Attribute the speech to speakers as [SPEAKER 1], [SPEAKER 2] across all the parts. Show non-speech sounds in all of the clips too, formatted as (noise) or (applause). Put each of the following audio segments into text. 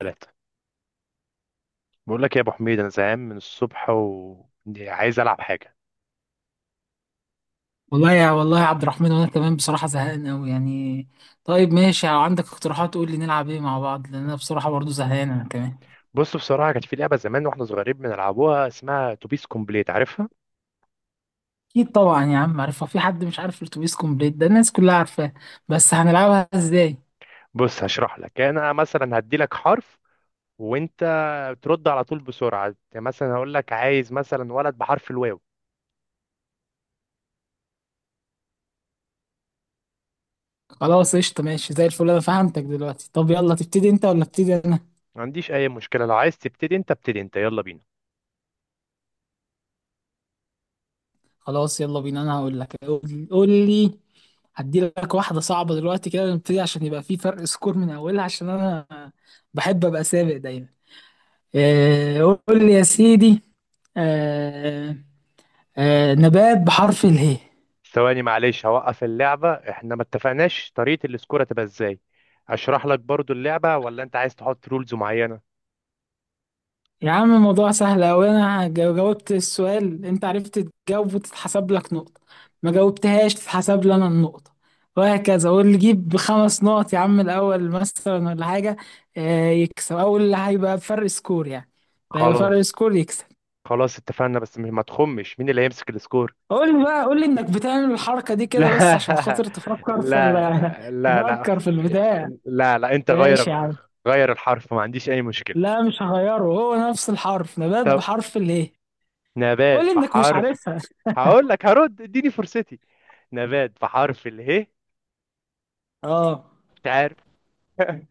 [SPEAKER 1] ثلاثة. بقول لك يا ابو حميد، انا زهقان من الصبح وعايز العب حاجه.
[SPEAKER 2] والله يا عبد الرحمن، وانا كمان بصراحة زهقان قوي يعني. طيب ماشي، لو عندك اقتراحات قول لي نلعب ايه مع بعض، لان انا بصراحة برضو زهقان انا كمان.
[SPEAKER 1] بص، بصراحه كانت في لعبه زمان واحنا صغيرين بنلعبوها اسمها توبيس كومبليت، عارفها؟
[SPEAKER 2] اكيد طبعا يا عم عارفها، في حد مش عارف الاتوبيس كومبليت ده؟ الناس كلها عارفاه. بس هنلعبها ازاي؟
[SPEAKER 1] بص، هشرح لك. انا مثلا هدي لك حرف، وانت ترد على طول بسرعه. يعني مثلا هقول لك عايز مثلا ولد بحرف الواو.
[SPEAKER 2] خلاص قشطة، ماشي زي الفل، انا فهمتك دلوقتي. طب يلا تبتدي انت ولا ابتدي انا؟
[SPEAKER 1] ما عنديش اي مشكله، لو عايز تبتدي انت ابتدي انت، يلا بينا.
[SPEAKER 2] خلاص يلا بينا، انا هقول لك. قول لي. هدي لك واحدة صعبة دلوقتي كده نبتدي، عشان يبقى في فرق سكور من اولها، عشان انا بحب ابقى سابق دايما. آه، قول لي يا سيدي. آه، نبات بحرف اله.
[SPEAKER 1] ثواني معلش، هوقف اللعبه. احنا ما اتفقناش طريقه الاسكوره تبقى ازاي. اشرح لك برضو اللعبه، ولا انت عايز تحط رولز معينه؟
[SPEAKER 2] يا عم الموضوع سهل أوي، أنا جاوبت السؤال، أنت عرفت تجاوب وتتحسب لك نقطة، ما جاوبتهاش تتحسب لي أنا النقطة، وهكذا، واللي يجيب بخمس نقط يا عم الأول مثلا ولا حاجة، يكسب أول، اللي هيبقى بفرق سكور يعني. اللي هيبقى فرق
[SPEAKER 1] خلاص.
[SPEAKER 2] سكور يكسب.
[SPEAKER 1] خلاص اتفقنا، بس ما تخمش مين اللي هيمسك السكور.
[SPEAKER 2] قول لي بقى، قول لي إنك بتعمل الحركة دي كده بس عشان
[SPEAKER 1] (laughs) لا
[SPEAKER 2] خاطر تفكر في
[SPEAKER 1] لا
[SPEAKER 2] (laughs)
[SPEAKER 1] لا، لا
[SPEAKER 2] تفكر في البتاع.
[SPEAKER 1] لا لا، انت
[SPEAKER 2] ماشي
[SPEAKER 1] غير.
[SPEAKER 2] يا عم.
[SPEAKER 1] غير الحرف، ما عنديش اي مشكلة.
[SPEAKER 2] لا مش هغيره، هو نفس الحرف، نبات
[SPEAKER 1] طب،
[SPEAKER 2] بحرف الايه.
[SPEAKER 1] نبات
[SPEAKER 2] قول لي انك مش
[SPEAKER 1] بحرف.
[SPEAKER 2] عارفها. (laughs)
[SPEAKER 1] هقول لك هرد، اديني فرصتي. نبات بحرف اله.
[SPEAKER 2] اه.
[SPEAKER 1] مش عارف. (laughs)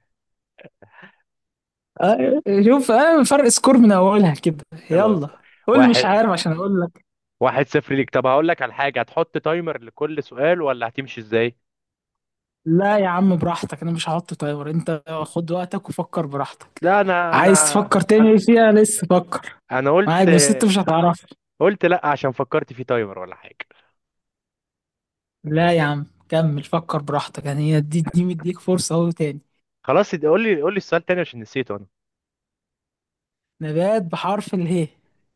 [SPEAKER 2] آه، شوف، آه فرق سكور من اولها كده.
[SPEAKER 1] خلاص.
[SPEAKER 2] يلا. قول لي مش
[SPEAKER 1] واحد
[SPEAKER 2] عارف عشان اقول لك.
[SPEAKER 1] واحد صفر ليك. طب هقول لك على حاجة، هتحط تايمر لكل سؤال ولا هتمشي ازاي؟
[SPEAKER 2] لا يا عم براحتك، انا مش هحط تايمر، انت خد وقتك وفكر براحتك.
[SPEAKER 1] لا، انا انا
[SPEAKER 2] عايز تفكر
[SPEAKER 1] انا
[SPEAKER 2] تاني فيها؟ لسه فكر،
[SPEAKER 1] أنا
[SPEAKER 2] معاك،
[SPEAKER 1] قلت
[SPEAKER 2] بس انت مش هتعرف.
[SPEAKER 1] قلت لا عشان فكرت في تايمر ولا حاجة.
[SPEAKER 2] لا يا عم كمل فكر براحتك، يعني هي دي مديك فرصة اهو تاني.
[SPEAKER 1] خلاص، قول لي السؤال تاني عشان نسيته انا.
[SPEAKER 2] نبات بحرف اله.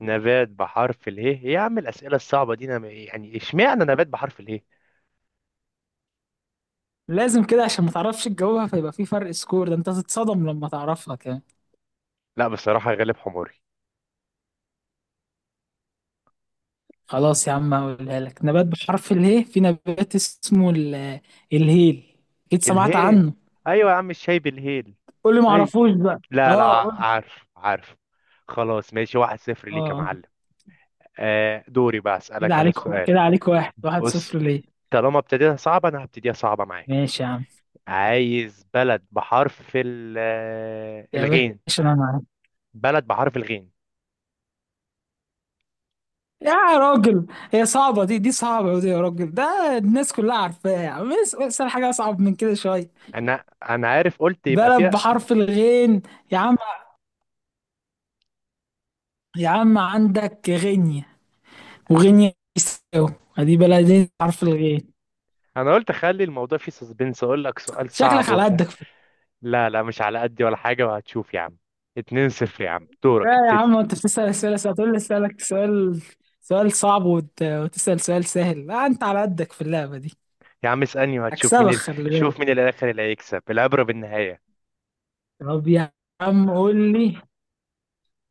[SPEAKER 1] نبات بحرف اله. إيه يا عم الاسئله الصعبه دي؟ يعني اشمعنى نبات بحرف اله؟
[SPEAKER 2] لازم كده عشان ما تعرفش تجاوبها، فيبقى في فرق سكور، ده انت هتتصدم لما تعرفها كمان.
[SPEAKER 1] لا بصراحه، غالب حماري.
[SPEAKER 2] خلاص يا عم هقولها لك، نبات بحرف اله، في نبات اسمه الهيل، اكيد سمعت
[SPEAKER 1] الهيل.
[SPEAKER 2] عنه.
[SPEAKER 1] ايوه يا عم، الشاي بالهيل.
[SPEAKER 2] قول لي ما
[SPEAKER 1] ايوه.
[SPEAKER 2] اعرفوش بقى.
[SPEAKER 1] لا لا،
[SPEAKER 2] اه قول.
[SPEAKER 1] عارف عارف. خلاص ماشي، 1-0 ليك يا
[SPEAKER 2] اه.
[SPEAKER 1] معلم. آه، دوري بقى
[SPEAKER 2] كده
[SPEAKER 1] اسالك انا
[SPEAKER 2] عليك،
[SPEAKER 1] السؤال.
[SPEAKER 2] كده عليك واحد، واحد
[SPEAKER 1] بص،
[SPEAKER 2] صفر ليه.
[SPEAKER 1] طالما ابتديتها صعبه انا هبتديها صعبه معاك.
[SPEAKER 2] ماشي يا عم.
[SPEAKER 1] عايز بلد بحرف
[SPEAKER 2] يا
[SPEAKER 1] الغين.
[SPEAKER 2] باشا انا معاك.
[SPEAKER 1] بلد بحرف الغين.
[SPEAKER 2] يا راجل، هي صعبة دي، دي صعبة ودي يا راجل، ده الناس كلها عارفاها، يا عم اسأل حاجة أصعب من كده شوية.
[SPEAKER 1] انا انا عارف، قلت يبقى
[SPEAKER 2] بلد
[SPEAKER 1] فيها.
[SPEAKER 2] بحرف الغين، يا عم، يا عم عندك غينيا، وغينيا بيساو، ادي بلدين بحرف الغين.
[SPEAKER 1] انا قلت اخلي الموضوع فيه سسبنس، اقول لك سؤال صعب
[SPEAKER 2] شكلك على
[SPEAKER 1] ومش عارف-
[SPEAKER 2] قدك.
[SPEAKER 1] لا لا، مش على قدي ولا حاجه، وهتشوف يا عم. 2-0 يا عم، دورك
[SPEAKER 2] لا يا
[SPEAKER 1] ابتدي.
[SPEAKER 2] عم، انت بتسأل اسئله سهله، هتقول لي اسالك سؤال، سؤال صعب وتسأل سؤال سهل، لا انت على قدك في اللعبه دي.
[SPEAKER 1] يا عم اسالني وهتشوف
[SPEAKER 2] هكسبك خلي بالك.
[SPEAKER 1] شوف مين الاخر اللي هيكسب، العبره بالنهايه.
[SPEAKER 2] طب يا عم قول لي،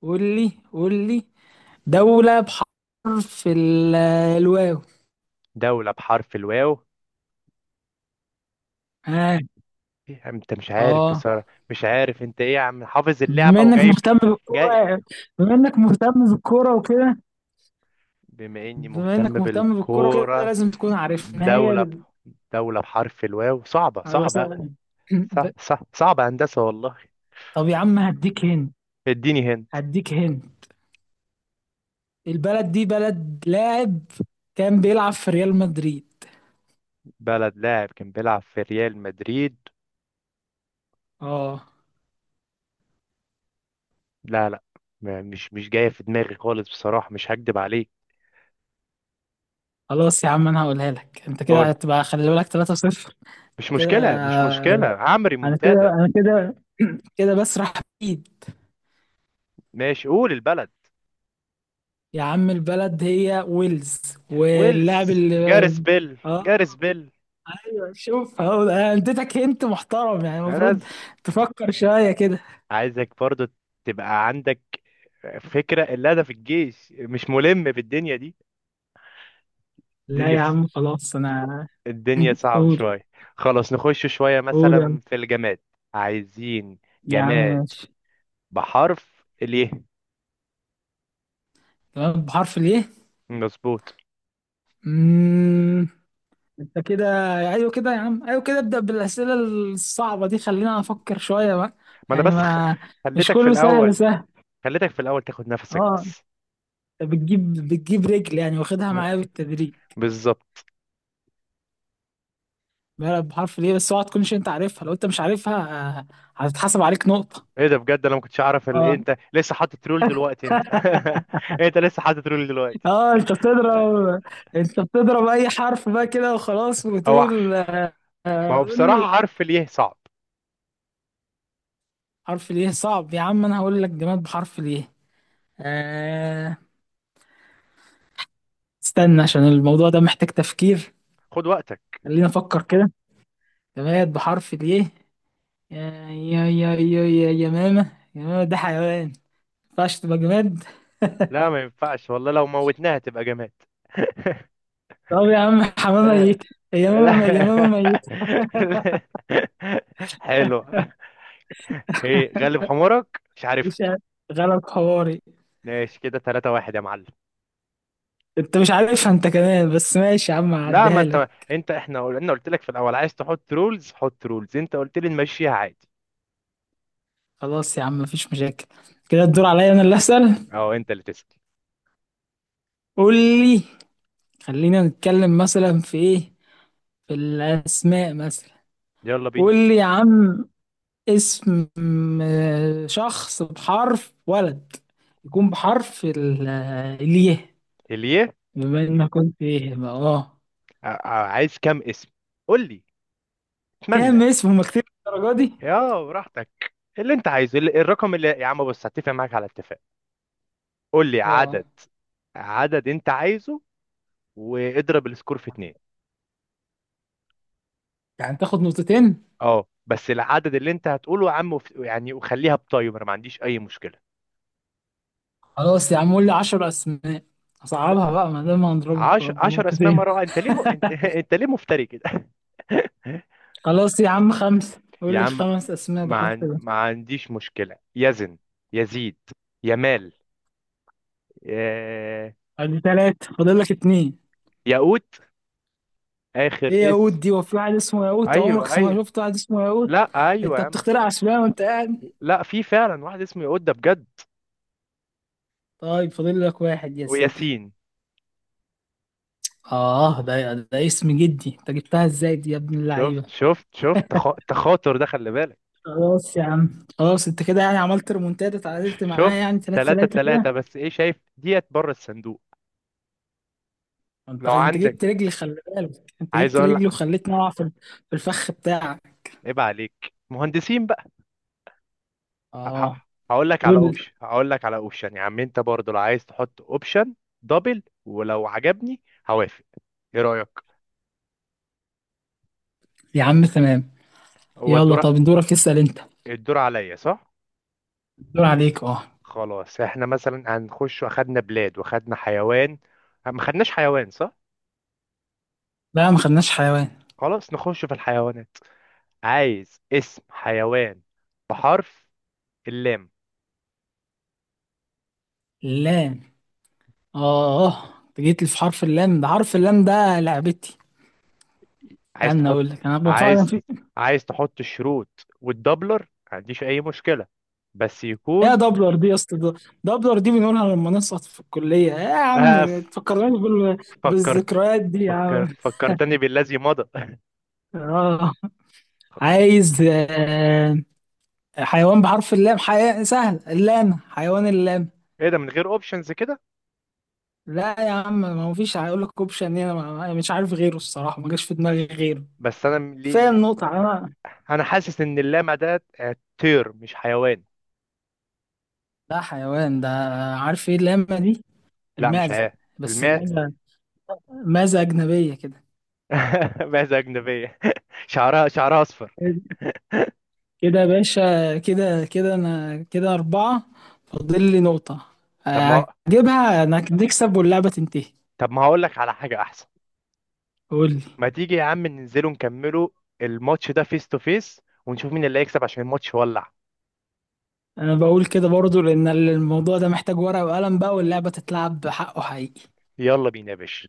[SPEAKER 2] قول لي دولة بحرف ال... الواو.
[SPEAKER 1] دوله بحرف الواو.
[SPEAKER 2] ها.
[SPEAKER 1] إيه يا عم، انت مش عارف
[SPEAKER 2] اه،
[SPEAKER 1] بصراحه؟ مش عارف انت ايه يا عم، حافظ اللعبه
[SPEAKER 2] بما انك
[SPEAKER 1] وجايب.
[SPEAKER 2] مهتم
[SPEAKER 1] جاي.
[SPEAKER 2] بالكورة، بما انك مهتم بالكورة وكده،
[SPEAKER 1] بما اني
[SPEAKER 2] بما
[SPEAKER 1] مهتم
[SPEAKER 2] انك مهتم بالكورة كده
[SPEAKER 1] بالكوره.
[SPEAKER 2] لازم تكون عارف ان هي
[SPEAKER 1] دوله ب... دوله بحرف الواو، صعبه
[SPEAKER 2] على
[SPEAKER 1] صعبه. صح
[SPEAKER 2] (laughs)
[SPEAKER 1] صح، صعبه هندسه والله.
[SPEAKER 2] طب يا عم هديك هنا،
[SPEAKER 1] اديني هنت.
[SPEAKER 2] هديك هنا، البلد دي بلد لاعب كان بيلعب في ريال مدريد.
[SPEAKER 1] بلد لاعب كان بيلعب في ريال مدريد.
[SPEAKER 2] اه.
[SPEAKER 1] لا لا، مش جاية في دماغي خالص بصراحة، مش هكدب عليك.
[SPEAKER 2] خلاص يا عم انا هقولها لك، انت كده
[SPEAKER 1] قول،
[SPEAKER 2] هتبقى خلي بالك 3-0
[SPEAKER 1] مش
[SPEAKER 2] كده.
[SPEAKER 1] مشكلة مش مشكلة، هعمل
[SPEAKER 2] انا كده،
[SPEAKER 1] ريمونتادا.
[SPEAKER 2] (clears throat) كده بسرح بيد.
[SPEAKER 1] ماشي، قول البلد.
[SPEAKER 2] يا عم البلد هي ويلز، واللاعب
[SPEAKER 1] ويلز،
[SPEAKER 2] اللي...
[SPEAKER 1] جاريس بيل
[SPEAKER 2] اه.
[SPEAKER 1] جاريس بيل.
[SPEAKER 2] ايوه شوف اهو، انا اديتك هنت محترم يعني
[SPEAKER 1] أنا
[SPEAKER 2] المفروض تفكر شويه كده.
[SPEAKER 1] عايزك برضو تبقى عندك فكرة، اللي أنا في الجيش مش ملم بالدنيا دي.
[SPEAKER 2] لا
[SPEAKER 1] الدنيا
[SPEAKER 2] يا عم خلاص انا.
[SPEAKER 1] الدنيا
[SPEAKER 2] (clears throat)
[SPEAKER 1] صعبة
[SPEAKER 2] قول.
[SPEAKER 1] شوية. خلاص، نخش شوية
[SPEAKER 2] قول يا عم.
[SPEAKER 1] مثلا في الجماد. عايزين
[SPEAKER 2] يا عم
[SPEAKER 1] جماد
[SPEAKER 2] ماشي،
[SPEAKER 1] بحرف اليه.
[SPEAKER 2] تمام بحرف
[SPEAKER 1] مظبوط.
[SPEAKER 2] الايه. انت كده، ايوه كده يا عم، ايوه كده ابدأ بالأسئلة الصعبة دي، خلينا افكر شوية بقى،
[SPEAKER 1] ما أنا
[SPEAKER 2] يعني
[SPEAKER 1] بس
[SPEAKER 2] ما مش
[SPEAKER 1] خليتك في
[SPEAKER 2] كله سهل
[SPEAKER 1] الأول.
[SPEAKER 2] سهل.
[SPEAKER 1] خليتك في الاول تاخد نفسك
[SPEAKER 2] اه،
[SPEAKER 1] بس.
[SPEAKER 2] انت بتجيب بتجيب رجل يعني، واخدها
[SPEAKER 1] ب-
[SPEAKER 2] معايا بالتدريج.
[SPEAKER 1] بالظبط.
[SPEAKER 2] بلد بحرف ليه، بس اوعى تكونش انت عارفها، لو انت مش عارفها آه، هتتحسب عليك نقطة.
[SPEAKER 1] ايه ده بجد، انا ما كنتش اعرف إيه
[SPEAKER 2] اه.
[SPEAKER 1] انت لسه حاطط رول
[SPEAKER 2] (laughs)
[SPEAKER 1] دلوقتي انت؟ (laughs) انت لسه حاطط رول دلوقتي؟
[SPEAKER 2] اه انت بتضرب، اي حرف بقى كده وخلاص،
[SPEAKER 1] هو
[SPEAKER 2] وتقول
[SPEAKER 1] ما هو
[SPEAKER 2] قول لي.
[SPEAKER 1] بصراحة حرف اليه صعب.
[SPEAKER 2] حرف ليه صعب يا عم؟ انا هقول لك جماد بحرف ليه. آه استنى عشان الموضوع ده محتاج تفكير.
[SPEAKER 1] خد وقتك.
[SPEAKER 2] خلينا نفكر كده، جماد بحرف الايه. يا يا يا يا يا يمامة ده حيوان، ما ينفعش تبقى جماد.
[SPEAKER 1] لا ما ينفعش والله، لو موتناها تبقى جماد. (laughs)
[SPEAKER 2] طب يا عم حمامة ميتة،
[SPEAKER 1] لا.
[SPEAKER 2] يمامة ميتة.
[SPEAKER 1] (laughs) حلو. ايه غلب حمارك، مش عارف.
[SPEAKER 2] مش عارف. غلط حواري.
[SPEAKER 1] ماشي كده، 3 واحد يا معلم.
[SPEAKER 2] انت مش عارفها انت كمان بس ماشي يا عم
[SPEAKER 1] لا ما
[SPEAKER 2] هعديها
[SPEAKER 1] انت
[SPEAKER 2] لك.
[SPEAKER 1] انت احنا قلت لك في الاول عايز تحط رولز حط رولز، انت قلت لي نمشيها عادي.
[SPEAKER 2] خلاص يا عم مفيش مشاكل. كده الدور عليا انا اللي اسال.
[SPEAKER 1] اه، انت اللي تسأل.
[SPEAKER 2] قول لي. خلينا نتكلم مثلا في ايه، في الاسماء مثلا.
[SPEAKER 1] يلا بينا.
[SPEAKER 2] قول لي يا عم اسم شخص بحرف ولد يكون بحرف الياء.
[SPEAKER 1] اليه.
[SPEAKER 2] بما انك كنت ايه بقى، اه.
[SPEAKER 1] عايز كام اسم؟ قول لي. اتمنى.
[SPEAKER 2] كام اسم؟ هما كتير الدرجة دي.
[SPEAKER 1] يا براحتك. اللي انت عايزه الرقم اللي، يا عم، بص هتفق معاك على اتفاق. قول لي
[SPEAKER 2] اه
[SPEAKER 1] عدد، عدد انت عايزه، واضرب السكور في اتنين.
[SPEAKER 2] يعني تاخد نقطتين.
[SPEAKER 1] اه، بس العدد اللي انت هتقوله يا عم يعني وخليها بتايمر، ما عنديش اي مشكلة.
[SPEAKER 2] خلاص يا عم قول لي 10 اسماء، اصعبها بقى ما دام هنضرب
[SPEAKER 1] عشر اسماء
[SPEAKER 2] بنقطتين.
[SPEAKER 1] مرة واحدة؟ انت، (laughs) انت ليه مفتري كده؟ (laughs)
[SPEAKER 2] خلاص يا عم خمسة،
[SPEAKER 1] يا
[SPEAKER 2] قول لي
[SPEAKER 1] عم،
[SPEAKER 2] خمس اسماء بحرف ال.
[SPEAKER 1] ما عنديش مشكلة. يزن، يزيد، يمال، يا...
[SPEAKER 2] ادي ثلاثة، فاضل لك اتنين.
[SPEAKER 1] ياقوت. اخر
[SPEAKER 2] ايه ياقوت
[SPEAKER 1] اسم.
[SPEAKER 2] دي؟ وفي واحد اسمه ياقوت؟ عمرك
[SPEAKER 1] ايوه ايوه.
[SPEAKER 2] شفت واحد اسمه ياقوت؟
[SPEAKER 1] لا ايوه
[SPEAKER 2] انت
[SPEAKER 1] يا عم.
[SPEAKER 2] بتخترع اسماء وانت قاعد.
[SPEAKER 1] لا في فعلا واحد اسمه يقود ده بجد.
[SPEAKER 2] طيب فاضل لك واحد يا سيدي.
[SPEAKER 1] وياسين.
[SPEAKER 2] اه ده اسم جدي، انت جبتها ازاي دي يا ابن
[SPEAKER 1] شفت
[SPEAKER 2] اللعيبه.
[SPEAKER 1] شفت شفت؟ تخاطر ده، خلي بالك.
[SPEAKER 2] خلاص يا عم خلاص، انت كده يعني عملت ريمونتادا تعادلت معايا
[SPEAKER 1] شفت؟
[SPEAKER 2] يعني 3
[SPEAKER 1] تلاتة
[SPEAKER 2] 3
[SPEAKER 1] تلاتة
[SPEAKER 2] كده.
[SPEAKER 1] بس ايه، شايف ديت بره الصندوق.
[SPEAKER 2] انت
[SPEAKER 1] لو
[SPEAKER 2] انت
[SPEAKER 1] عندك
[SPEAKER 2] جبت رجلي خلي بالك، انت
[SPEAKER 1] عايز
[SPEAKER 2] جبت
[SPEAKER 1] اقول لك.
[SPEAKER 2] رجلي وخليتني اقع في في الفخ بتاعك.
[SPEAKER 1] عيب عليك مهندسين بقى. ه- ه-
[SPEAKER 2] اه.
[SPEAKER 1] هقول لك على
[SPEAKER 2] قول
[SPEAKER 1] اوبشن هقول لك على اوبشن يا عم، انت برضه لو عايز تحط اوبشن دبل، ولو عجبني هوافق. ايه رأيك؟
[SPEAKER 2] يا عم. تمام.
[SPEAKER 1] هو
[SPEAKER 2] يلا
[SPEAKER 1] الدور؟
[SPEAKER 2] طب دورك اسال انت.
[SPEAKER 1] الدور عليا صح؟
[SPEAKER 2] دور عليك اه.
[SPEAKER 1] خلاص، احنا مثلا هنخش. واخدنا بلاد واخدنا حيوان. ما خدناش حيوان صح؟
[SPEAKER 2] لا ما خدناش حيوان.
[SPEAKER 1] خلاص، نخش في الحيوانات. عايز اسم حيوان بحرف اللام.
[SPEAKER 2] لام. اه اه انت جيت لي في حرف اللام، ده حرف اللام ده لعبتي.
[SPEAKER 1] عايز
[SPEAKER 2] استنى
[SPEAKER 1] تحط.
[SPEAKER 2] اقول لك انا
[SPEAKER 1] عايز
[SPEAKER 2] بفكر.
[SPEAKER 1] عايز تحط الشروط والدبلر، ما عنديش اي مشكلة، بس
[SPEAKER 2] يا
[SPEAKER 1] يكون.
[SPEAKER 2] دبلر دي يا اسطى دبلر دي بنقولها لما نسقط في الكلية، ايه يا
[SPEAKER 1] آه،
[SPEAKER 2] عم تفكرناش
[SPEAKER 1] فكرت.
[SPEAKER 2] بالذكريات دي يا عم.
[SPEAKER 1] فكرتني بالذي مضى. (laughs)
[SPEAKER 2] اه. عايز حيوان بحرف اللام، سهل اللام، حيوان اللام.
[SPEAKER 1] ايه ده، من غير اوبشنز كده؟
[SPEAKER 2] لا يا عم ما مفيش هيقول لك اوبشن هنا، مش عارف غيره الصراحة، ما جاش في دماغي غيره،
[SPEAKER 1] بس انا م- لي...
[SPEAKER 2] كفاية
[SPEAKER 1] لي-
[SPEAKER 2] النقطة انا.
[SPEAKER 1] انا حاسس ان اللامع ده طير مش حيوان.
[SPEAKER 2] لا حيوان ده. عارف ايه اللامة دي؟
[SPEAKER 1] لا، مش
[SPEAKER 2] المعزة، بس
[SPEAKER 1] حيوان.
[SPEAKER 2] المعزة معزة أجنبية كده.
[SPEAKER 1] (laughs) معزة أجنبية. (laughs) شعرها أصفر.
[SPEAKER 2] كده يا باشا، كده كده، انا كده اربعة، فاضل لي نقطة،
[SPEAKER 1] طب ما
[SPEAKER 2] هجيبها انا، نكسب واللعبة تنتهي.
[SPEAKER 1] طب ما هقول لك على حاجة أحسن.
[SPEAKER 2] قول لي.
[SPEAKER 1] ما تيجي يا عم ننزلوا نكملوا الماتش ده فيس تو فيس، ونشوف مين اللي هيكسب عشان الماتش ولع.
[SPEAKER 2] انا بقول كده برضو لان الموضوع ده محتاج ورقة وقلم بقى، واللعبة تتلعب بحقه حقيقي.
[SPEAKER 1] يلا بينا يا باشا.